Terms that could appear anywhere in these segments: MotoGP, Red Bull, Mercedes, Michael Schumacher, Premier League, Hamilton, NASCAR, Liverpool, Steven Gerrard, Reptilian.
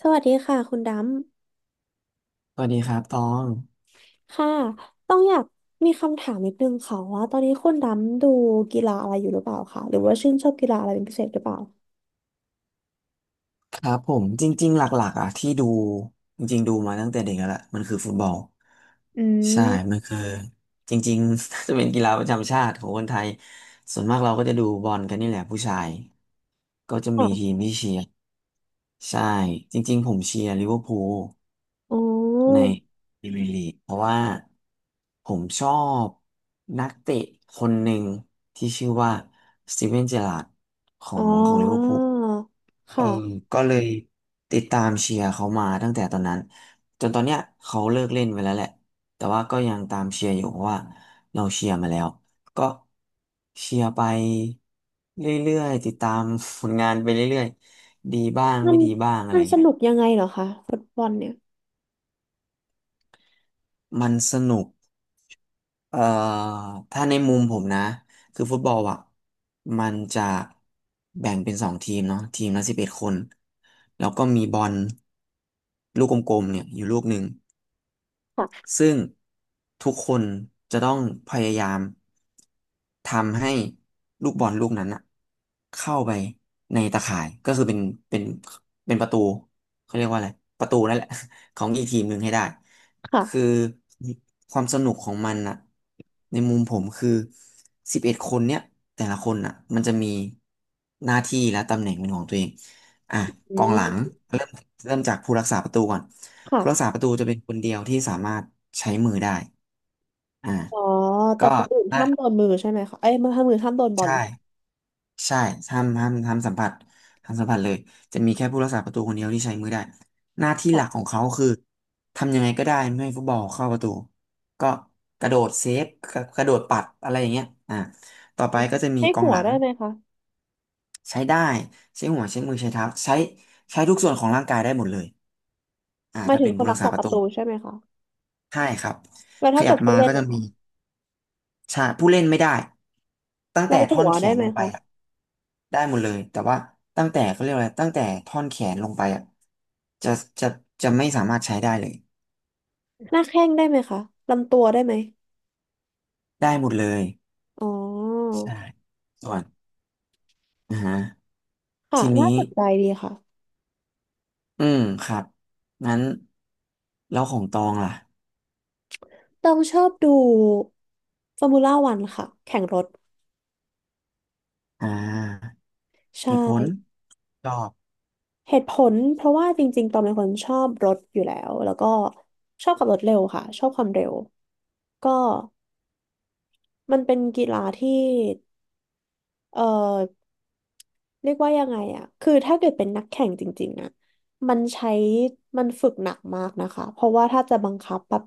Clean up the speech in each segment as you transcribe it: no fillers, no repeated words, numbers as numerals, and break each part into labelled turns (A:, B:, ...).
A: สวัสดีค่ะคุณด
B: สวัสดีครับตอง
A: ำค่ะต้องอยากมีคำถามนิดนึงค่ะว่าตอนนี้คุณดำดูกีฬาอะไรอยู่หรือเปล่าคะหรือว่าชื่นชอบกีฬาอะไรเป็นพิเศษหรือเปล่า
B: ครับผมจริงๆหลักๆอ่ะที่ดูจริงๆดูมาตั้งแต่เด็กแล้วล่ะมันคือฟุตบอล
A: อื
B: ใช่
A: ม
B: มันคือจริงๆ จะเป็นกีฬาประจำชาติของคนไทยส่วนมากเราก็จะดูบอลกันนี่แหละผู้ชายก็จะ
A: ค่ะ
B: มีทีมที่เชียร์ใช่จริงๆผมเชียร์ลิเวอร์พูล
A: อ๋อ
B: ในพรีเมียร์ลีกเพราะว่าผมชอบนักเตะคนหนึ่งที่ชื่อว่าสตีเวนเจอราร์ดขอ
A: อ๋อ
B: งของลิเวอร์พูล เออ
A: ค่ะ
B: ก็เลยติดตามเชียร์เขามาตั้งแต่ตอนนั้นจนตอนเนี้ยเขาเลิกเล่นไปแล้วแหละแต่ว่าก็ยังตามเชียร์อยู่เพราะว่าเราเชียร์มาแล้วก็เชียร์ไปเรื่อยๆติดตามผลงานไปเรื่อยๆดีบ้าง
A: มัน
B: ไม่ดีบ้างอะไร
A: มันส
B: เงี้ย
A: นุกยังไงเหรอคะฟุตบอลเนี่ย
B: มันสนุกเอ่อถ้าในมุมผมนะคือฟุตบอลอ่ะมันจะแบ่งเป็นสองทีมเนาะทีมละสิบเอ็ดคนแล้วก็มีบอลลูกกลมๆเนี่ยอยู่ลูกหนึ่ง
A: ค่ะ
B: ซึ่งทุกคนจะต้องพยายามทำให้ลูกบอลลูกนั้นอะเข้าไปในตาข่ายก็คือเป็นเป็นประตูเขาเรียกว่าอะไรประตูนั่นแหละ ของอีกทีมหนึ่งให้ได้คือ
A: ค่ะ
B: ความสนุกของมันอะในมุมผมคือสิบเอ็ดคนเนี่ยแต่ละคนอะมันจะมีหน้าที่และตำแหน่งเป็นของตัวเองอ่ะก
A: อื
B: องหลัง
A: ม
B: เริ่มเริ่มจากผู้รักษาประตูก่อน ผู้รักษา
A: ค่ะ
B: ประตูจะเป็นคนเดียวที่สามารถใช้มือได้อ่า
A: อ๋อแต่
B: ก็
A: คนอื่น
B: ได้
A: ห้ามโดนมือใช่ไหมคะเอ้ยมือห้ามมือห้ามโดนบอ
B: ใช่
A: ล
B: ใช่ห้ามสัมผัสห้ามสัมผัสเลย จะมีแค่ผู้รักษาประตูคนเดียวที่ใช้มือได้หน้าที่หลักของ
A: ค่ะ
B: เขาคือทำยังไงก็ได้ไม่ให้ฟุตบอลเข้าประตูก็กระโดดเซฟกระโดดปัดอะไรอย่างเงี้ยอ่าต่อ
A: อ๋
B: ไป
A: อ
B: ก็จะมี
A: ใช้
B: กอง
A: หัว
B: หลัง
A: ได้ไหมคะ
B: ใช้ได้ใช้หัวใช้มือใช้เท้าใช้ใช้ทุกส่วนของร่างกายได้หมดเลย
A: หมาย
B: ถ้า
A: ถึง
B: เป็น
A: คน
B: ผู้รั
A: รั
B: ก
A: ก
B: ษา
A: ษา
B: ป
A: ป
B: ระ
A: ระ
B: ตู
A: ตูใช่ไหมคะ
B: ใช่ครับ
A: แล้ว
B: ข
A: ถ้า
B: ยั
A: เกิ
B: บ
A: ดผู้
B: มา
A: เล่น
B: ก็จะ
A: นะ
B: มี
A: คะ
B: ใช่ผู้เล่นไม่ได้ตั้ง
A: เรา
B: แต่
A: หั
B: ท่อน
A: ว
B: แข
A: ได้
B: น
A: ไหม
B: ลงไป
A: คะ
B: อะได้หมดเลยแต่ว่าตั้งแต่เขาเรียกอะไรตั้งแต่ท่อนแขนลงไปอะจะจะจะไม่สามารถใช้ได้เลย
A: หน้าแข้งได้ไหมคะ ลำตัวได้ไหม
B: ได้หมดเลย
A: อ๋อ
B: ใช่ส่วนอ่าฮะ
A: ค่ะ
B: ที
A: น่า
B: นี้
A: สนใจดีค่ะ
B: อืมครับงั้นแล้วของตองล่ะ
A: ต้องชอบดูฟอร์มูล่าวันค่ะ แข่งรถ
B: อ่า
A: ใช่
B: เหตุผลตอบ
A: เหตุผลเพราะว่าจริงๆ ตอนเป็นคนชอบรถอยู่แล้ว แล้วก็ชอบขับรถเร็วค่ะ ชอบความเร็ว ก็มันเป็นกีฬาที่ เอ่อเรียกว่ายังไงอะคือถ้าเกิดเป็นนักแข่งจริงๆอะมันใช้มันฝึกหนักมากนะคะเพราะว่าถ้าจะบังคับแบบ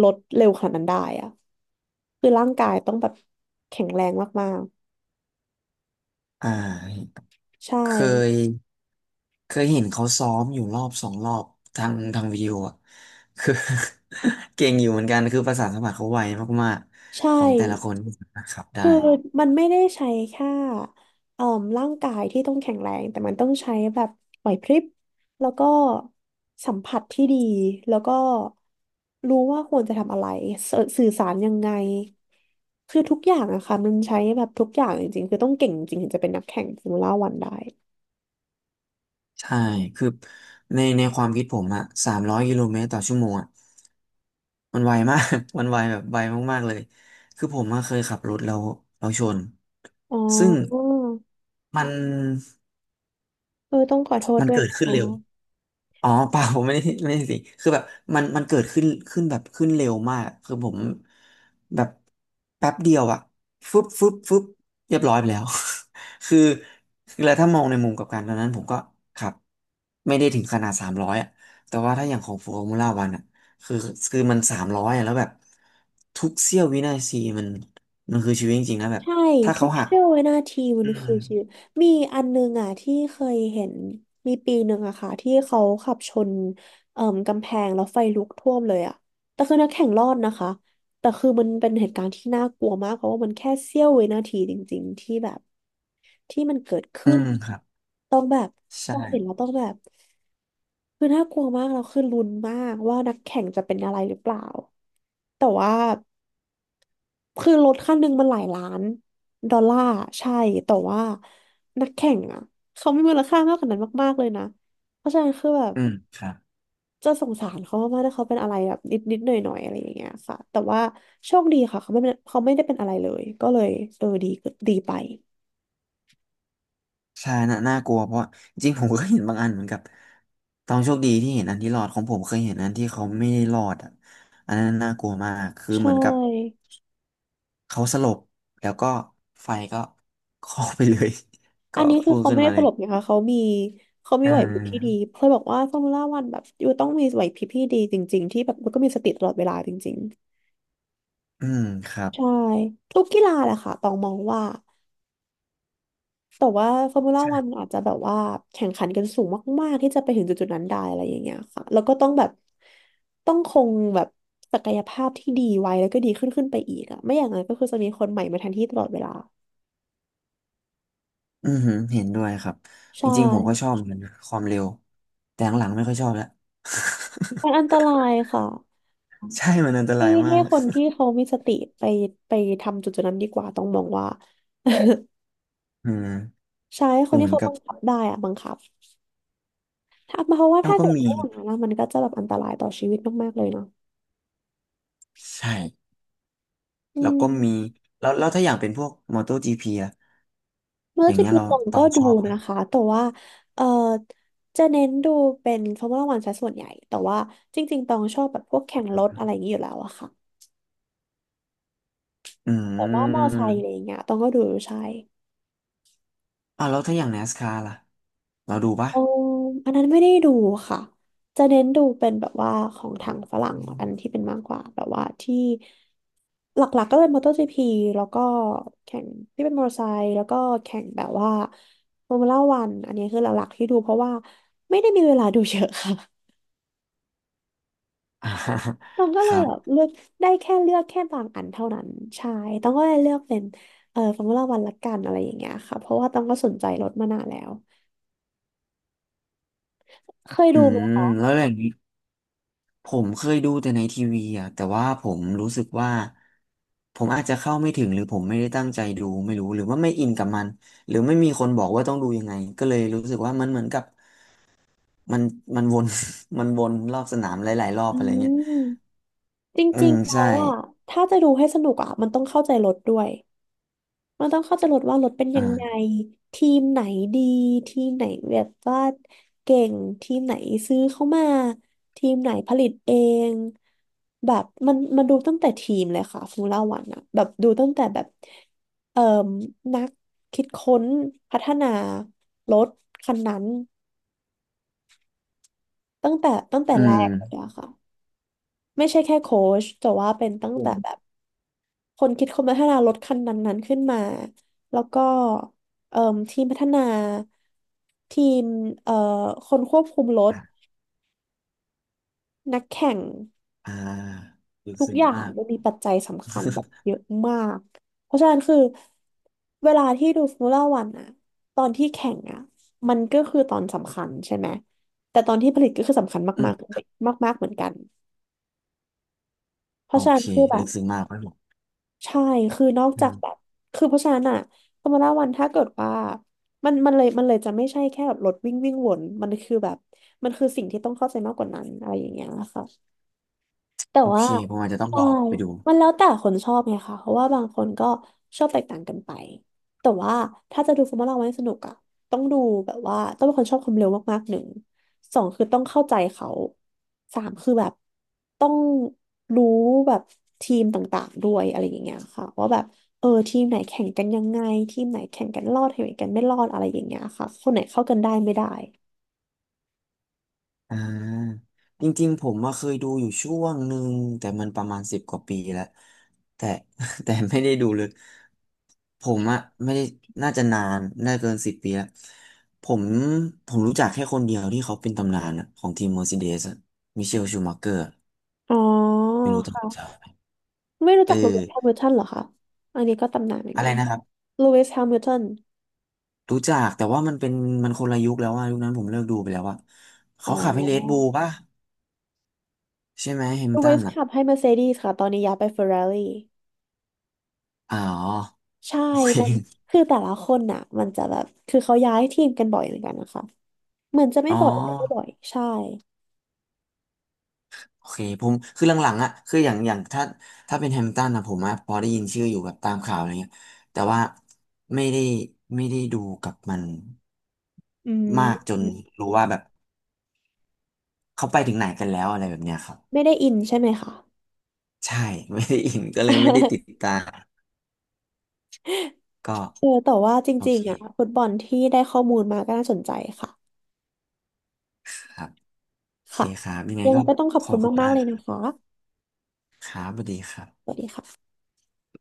A: ลดเร็วขนาดนั้นได้อะคือร่างกายต้องแบบแข็งแรงมาก
B: อ่า
A: ๆใช่
B: เคยเคยเห็นเขาซ้อมอยู่รอบสองรอบทางทางวิดีโออ่ะคือ เก่งอยู่เหมือนกันคือประสานสัมผัสเขาไวมาก
A: ใช่
B: ๆของแต่ละคนที่สามารถขับได้
A: คือมันไม่ได้ใช้แค่เอ่อร่างกายที่ต้องแข็งแรงแต่มันต้องใช้แบบไหวพริบแล้วก็สัมผัสที่ดีแล้วก็รู้ว่าควรจะทำอะไรสสื่อสารยังไงคือทุกอย่างอะค่ะมันใช้แบบทุกอย่างจริงๆคือต้องเก่งจริงถึงจะเป็นนักแข่งฟอร์มูล่าวันได้
B: ใช่คือในความคิดผมอะ300 กิโลเมตรต่อชั่วโมงอะมันไวมาก มันไวแบบไวมากๆเลยคือผมอะเคยขับรถแล้วเราชน
A: อ๋
B: ซึ่ง
A: อ
B: มัน
A: เออต้องขอโทษ
B: มัน
A: ด้วย
B: เกิด
A: นะ
B: ขึ้น
A: คะ
B: เร็ว อ๋อเปล่าผมไม่ได้สิคือแบบมันเกิดขึ้นแบบขึ้นเร็วมากคือผมแบบแป๊บเดียวอะฟึบฟึบฟึบเรียบร้อยไปแล้ว คือคือแล้วถ้ามองในมุมกลับการตอนนั้นผมก็ขับไม่ได้ถึงขนาดสามร้อยอะแต่ว่าถ้าอย่างของฟอร์มูล่าวันอะคือคือมันสามร้อยอะแล้วแบบทุกเสี้ยววินาทีมันคือชีวิตจริงๆนะแบบ
A: ใช่
B: ถ้า
A: ทุ
B: เขา
A: ก
B: หัก
A: เสี้ยววินาทีมั
B: อื
A: น
B: ม
A: คือชีวิตมีอันนึงอ่ะที่เคยเห็นมีปีหนึ่งอะค่ะที่เขาขับชนเอ่มกำแพงแล้วไฟลุกท่วมเลยอะแต่คือนักแข่งรอดนะคะแต่คือมันเป็นเหตุการณ์ที่น่ากลัวมากเพราะว่ามันแค่เสี้ยววินาทีจริงๆที่แบบที่มันเกิด
B: อื
A: ขึ้น
B: มครับ
A: ต้องแบบ
B: ใช่
A: ต้องเห็นแล้วต้องแบบคือน่ากลัวมากแล้วคือลุ้นมากว่านักแข่งจะเป็นอะไรหรือเปล่าแต่ว่า คือรถคันหนึ่งมันหลายล้านดอลลาร์ใช่ แต่ว่านักแข่งอ่ะเขามีมูลค่ามากกว่านั้นมากๆเลยนะ เพราะฉะนั้นคือแบบ
B: อืมครับ
A: จะสงสารเขามากๆถ้าเขาเป็นอะไรแบบนิดๆหน่อยๆอะไรอย่างเงี้ยค่ะแต่ว่าโชคดีค่ะเขาไม่เป็นเขาไม่ได้เป็นอะไรเลย ก็เลยเออดีดีไป
B: ใช่น่ากลัวเพราะว่าจริงๆผมก็เห็นบางอันเหมือนกับตองโชคดีที่เห็นอันที่รอดของผมเคยเห็นอันที่เขาไม่ได้รอดอ่ะอันนั้นน่ากลัวมากคือ
A: ใช
B: เหมือนกับ
A: ่
B: เขาสลบแล้วก็ไฟก็คลอกไปเลย
A: อั
B: ก็
A: นนี้คือ
B: พุ่ง
A: เขา
B: ขึ้น
A: ไม่ได้
B: มา
A: ต
B: เลย
A: ลกนะคะเขามี
B: อ่
A: ไหวพริบที่ดี
B: า
A: เพื่อบอกว่าฟอร์มูล่าวันแบบอยู่ต้องมีไหวพริบที่ดีจริงๆที่แบบมันก็มีสติตลอดเวลาจริง
B: อืมครั
A: ๆ
B: บ
A: ใช่ทุกกีฬาแหละค่ะต้องมองว่า แต่ว่าฟอร์มูล่าวันอาจจะแบบว่าแข่งขันกันสูงมากๆที่จะไปถึงจุดๆนั้นได้อะไรอย่างเงี้ยค่ะแล้วก็ต้องแบบต้องคงแบบศักยภาพที่ดีไว้แล้วก็ดีขึ้นขึ้นไปอีกอะไม่อย่างนั้นก็คือจะมีคนใหม่มาแทนที่ตลอดเวลา
B: อือหือเห็นด้วยครับจ
A: ใช่
B: ริงๆผมก็ชอบเหมือนกันนะความเร็วแต่หลังๆไม่ค่อยชอบแล้ว
A: มันอันตรายค่ะ
B: ใช่มันอันต
A: ให้
B: รายมา
A: ให้
B: ก
A: คนที่เขามีสติไปไปทำจุดๆนั้นดีกว่าต้องมองว่า
B: อืม
A: ใช่ให้ค
B: คื
A: น
B: อเห
A: ที่
B: มือน
A: เขา
B: กับ
A: บังคับได้อะบังคับถ้าเพราะว่า
B: เรา
A: ถ้า
B: ก็
A: เกิด
B: มี
A: ไม่อย่างนั้นอะมันก็จะแบบอันตรายต่อชีวิตมากๆเลยเนาะ
B: ใช่
A: อื
B: แล้วก็มี
A: ม
B: แล้วถ้าอย่างเป็นพวก MotoGP อะ
A: เมื่
B: อ
A: อ
B: ย่าง
A: จะ
B: เงี้ย
A: พิ
B: เรา
A: ตอง
B: ตอ
A: ก็
B: ง
A: ดู
B: ชอบครั
A: นะ
B: บ
A: คะแต่ว่าเออจะเน้นดูเป็นฟอร์มูล่าวันซะส่วนใหญ่แต่ว่าจริงๆตองชอบแบบพวกแข่งรถอะไรอย่างนี้อยู่แล้วอะค่ะ
B: อื
A: แต่ว่ามอไซค์อะไรอ
B: ม
A: ย่างเงี้ยตองก็ดูใช่
B: อ่าวแล้วถ้าอย่าง NASCAR ล่ะเราดูปะ
A: เอออันนั้นไม่ได้ดูค่ะจะเน้นดูเป็นแบบว่าของทางฝรั่งอันที่เป็นมากกว่าแบบว่าที่หลักๆก็เป็นมอเตอร์จีพีแล้วก็แข่งที่เป็นมอเตอร์ไซค์แล้วก็แข่งแบบว่าฟอร์มูล่าวันอันนี้คือหลักๆที่ดูเพราะว่าไม่ได้มีเวลาดูเยอะค่ะ
B: อ่า
A: ตอง ก็
B: ค
A: เลย
B: รับ
A: แบบเลือกได้แค่เลือกแค่บางอันเท่านั้นใช่ตองก็เลยเลือกเป็นฟอร์มูล่าวันละกันอะไรอย่างเงี้ยค่ะเพราะว่าตองก็สนใจรถมานานแล้วเคย
B: อื
A: ดูไหม
B: ม
A: คะ
B: แล้วอย่างนี้ผมเคยดูแต่ในทีวีอ่ะแต่ว่าผมรู้สึกว่าผมอาจจะเข้าไม่ถึงหรือผมไม่ได้ตั้งใจดูไม่รู้หรือว่าไม่อินกับมันหรือไม่มีคนบอกว่าต้องดูยังไงก็เลยรู้สึกว่ามันเหมือนกับมันมันวน มันวนรอบสนามหลายๆรอบ
A: อื
B: อะไร
A: ม
B: เงี้ย
A: จ
B: อื
A: ริ
B: ม
A: งๆแล้
B: ใช่
A: วอ่ะถ้าจะดูให้สนุกอ่ะมันต้องเข้าใจรถด้วย มันต้องเข้าใจรถว่ารถเป็นยังไง
B: อ่า
A: ทีมไหนดีทีมไหนแบบว่าเก่งทีมไหนซื้อเข้ามาทีมไหนผลิตเองแบบมันดูตั้งแต่ทีมเลยค่ะฟูล่าวันอะแบบดูตั้งแต่แบบเอ่อนักคิดค้นพัฒนารถคันนั้นตั้งแต่
B: อื
A: แร
B: ม
A: กเลยอะค่ะไม่ใช่แค่โค้ชแต่ว่าเป็นตั้ง
B: ผ
A: แต่
B: ม
A: แบบ คนคิดคนพัฒนารถคันนั้นๆขึ้นมา แล้วก็เอ่มทีมพัฒนาทีมเอ่อคนควบคุมรถนักแข่ง
B: อ่าลึก
A: ทุก
B: ซึ้
A: อ
B: ง
A: ย่าง
B: มาก
A: มันมีปัจจัยสำคัญแบบเยอะมาก เพราะฉะนั้นคือเวลาที่ดูฟ o ร์มูล่าวันอะตอนที่แข่งอะมันก็คือตอนสำคัญใช่ไหมแต่ตอนที่ผลิตก็คือสำคัญ
B: อืม
A: มากๆมากๆเหมือนกันเพ
B: โอ
A: ราะฉะนั้
B: เค
A: นคือแบ
B: ลึ
A: บ
B: กซึ้งมากครับผม
A: ใช่ คือนอก
B: อื
A: จากแบบ
B: ม
A: คือเพราะฉะนั้นอะฟอร์มูล่าวันถ้าเกิดว่ามันเลยจะไม่ใช่แค่แบบรถวิ่งวิ่งวน มันคือแบบ มันคือสิ่งที่ต้องเข้าใจมากกว่านั้นอะไรอย่างเงี้ยค่ะ แต่
B: โอ
A: ว่า
B: เคผมอาจจะต้อง
A: ใช่
B: ลองไปดู
A: มันแล้วแต่คนชอบไงคะเพราะว่าบางคนก็ชอบแตกต่างกันไปแต่ว่าถ้าจะดูฟอร์มูล่าวันให้สนุกอะต้องดูแบบว่าต้องเป็นคนชอบความเร็วมากๆหนึ่งสองคือต้องเข้าใจเขาสามคือแบบต้องรู้แบบทีมต่างๆด้วยอะไรอย่างเงี้ยค่ะว่าแบบเออทีมไหนแข่งกันยังไงทีมไหนแข่งกันรอดทีมไหนกันไม่รอดอะไรอย่างเงี้ยค่ะคนไหนเข้ากันได้ไม่ได้
B: อ่าจริงๆผมมาเคยดูอยู่ช่วงหนึ่งแต่มันประมาณ10 กว่าปีแล้วแต่ แต่ไม่ได้ดูเลยผมอะไม่ได้น่าจะนานน่าเกิน10 ปีแล้วผมผมรู้จักแค่คนเดียวที่เขาเป็นตำนานอะของทีมเมอร์ซิเดสมิเชลชูมัเกอร์
A: อ๋อ
B: ไม่รู้จัก
A: ค่ะ
B: ไหม
A: ไม่รู้
B: เออ
A: จักโรเบิร์ตแฮมิลตันเหรอคะอันนี้ก็ตำนานเหมือน
B: อะ
A: กั
B: ไร
A: น
B: นะครับ
A: ลูอิสแฮมิลตัน
B: รู้จักแต่ว่ามันเป็นมันคนละยุคแล้วว่ายุคนั้นผมเลิกดูไปแล้วว่ะ
A: อ๋
B: เขาขับให้เรดบู
A: อ
B: ลป่ะใช่ไหมแฮมิ
A: ลู
B: ลตั
A: อิ
B: น
A: ส
B: อะ
A: ขับให้เมอร์เซเดสค่ะ ตอนนี้ย้ายไปเฟอร์รารี่
B: อ๋อ
A: ใช่
B: โอ
A: มัน
B: เค
A: คือแต่ละคนน่ะมันจะแบบ คือเขาย้ายทีมกันบ่อยเหมือนกันนะคะ เหมือนจะไม่
B: อ๋อ
A: บ่อยแต่ก็บ่อย ใช่
B: โอเคผมคือหลังๆอ่ะคืออย่างถ้าเป็นแฮมป์ตันอะผมอะพอได้ยินชื่ออยู่แบบตามข่าวอะไรเงี้ยแต่ว่าไม่ได้ไม่ได้ดูกับมัน
A: อื
B: มากจ
A: ม
B: นรู้ว่าแบบเขาไปถึงไหนกันแล้วอะไรแบบเนี้ยครับ
A: ไม่ได้อินใช่ไหมคะ
B: ใช่ ไม่ได้อินก็เลยไม่ได้ติด ตามก็
A: เออแต่ว่าจ
B: โอ
A: ริง
B: เค
A: ๆอ่ะฟุตบอลที่ได้ข้อมูลมาก็น่าสนใจค่ะ
B: ครับ โอเค
A: ค่ะ
B: ครับยังไง
A: ยังไง
B: ก็
A: ก็ต้องขอบ
B: ขอ
A: คุ
B: บ
A: ณ
B: คุณ
A: มา
B: มา
A: กๆ
B: ก
A: เลย
B: ค
A: นะ
B: รั
A: คะ
B: บสวัสดีครั
A: ส
B: บ
A: วัสดีค่ะ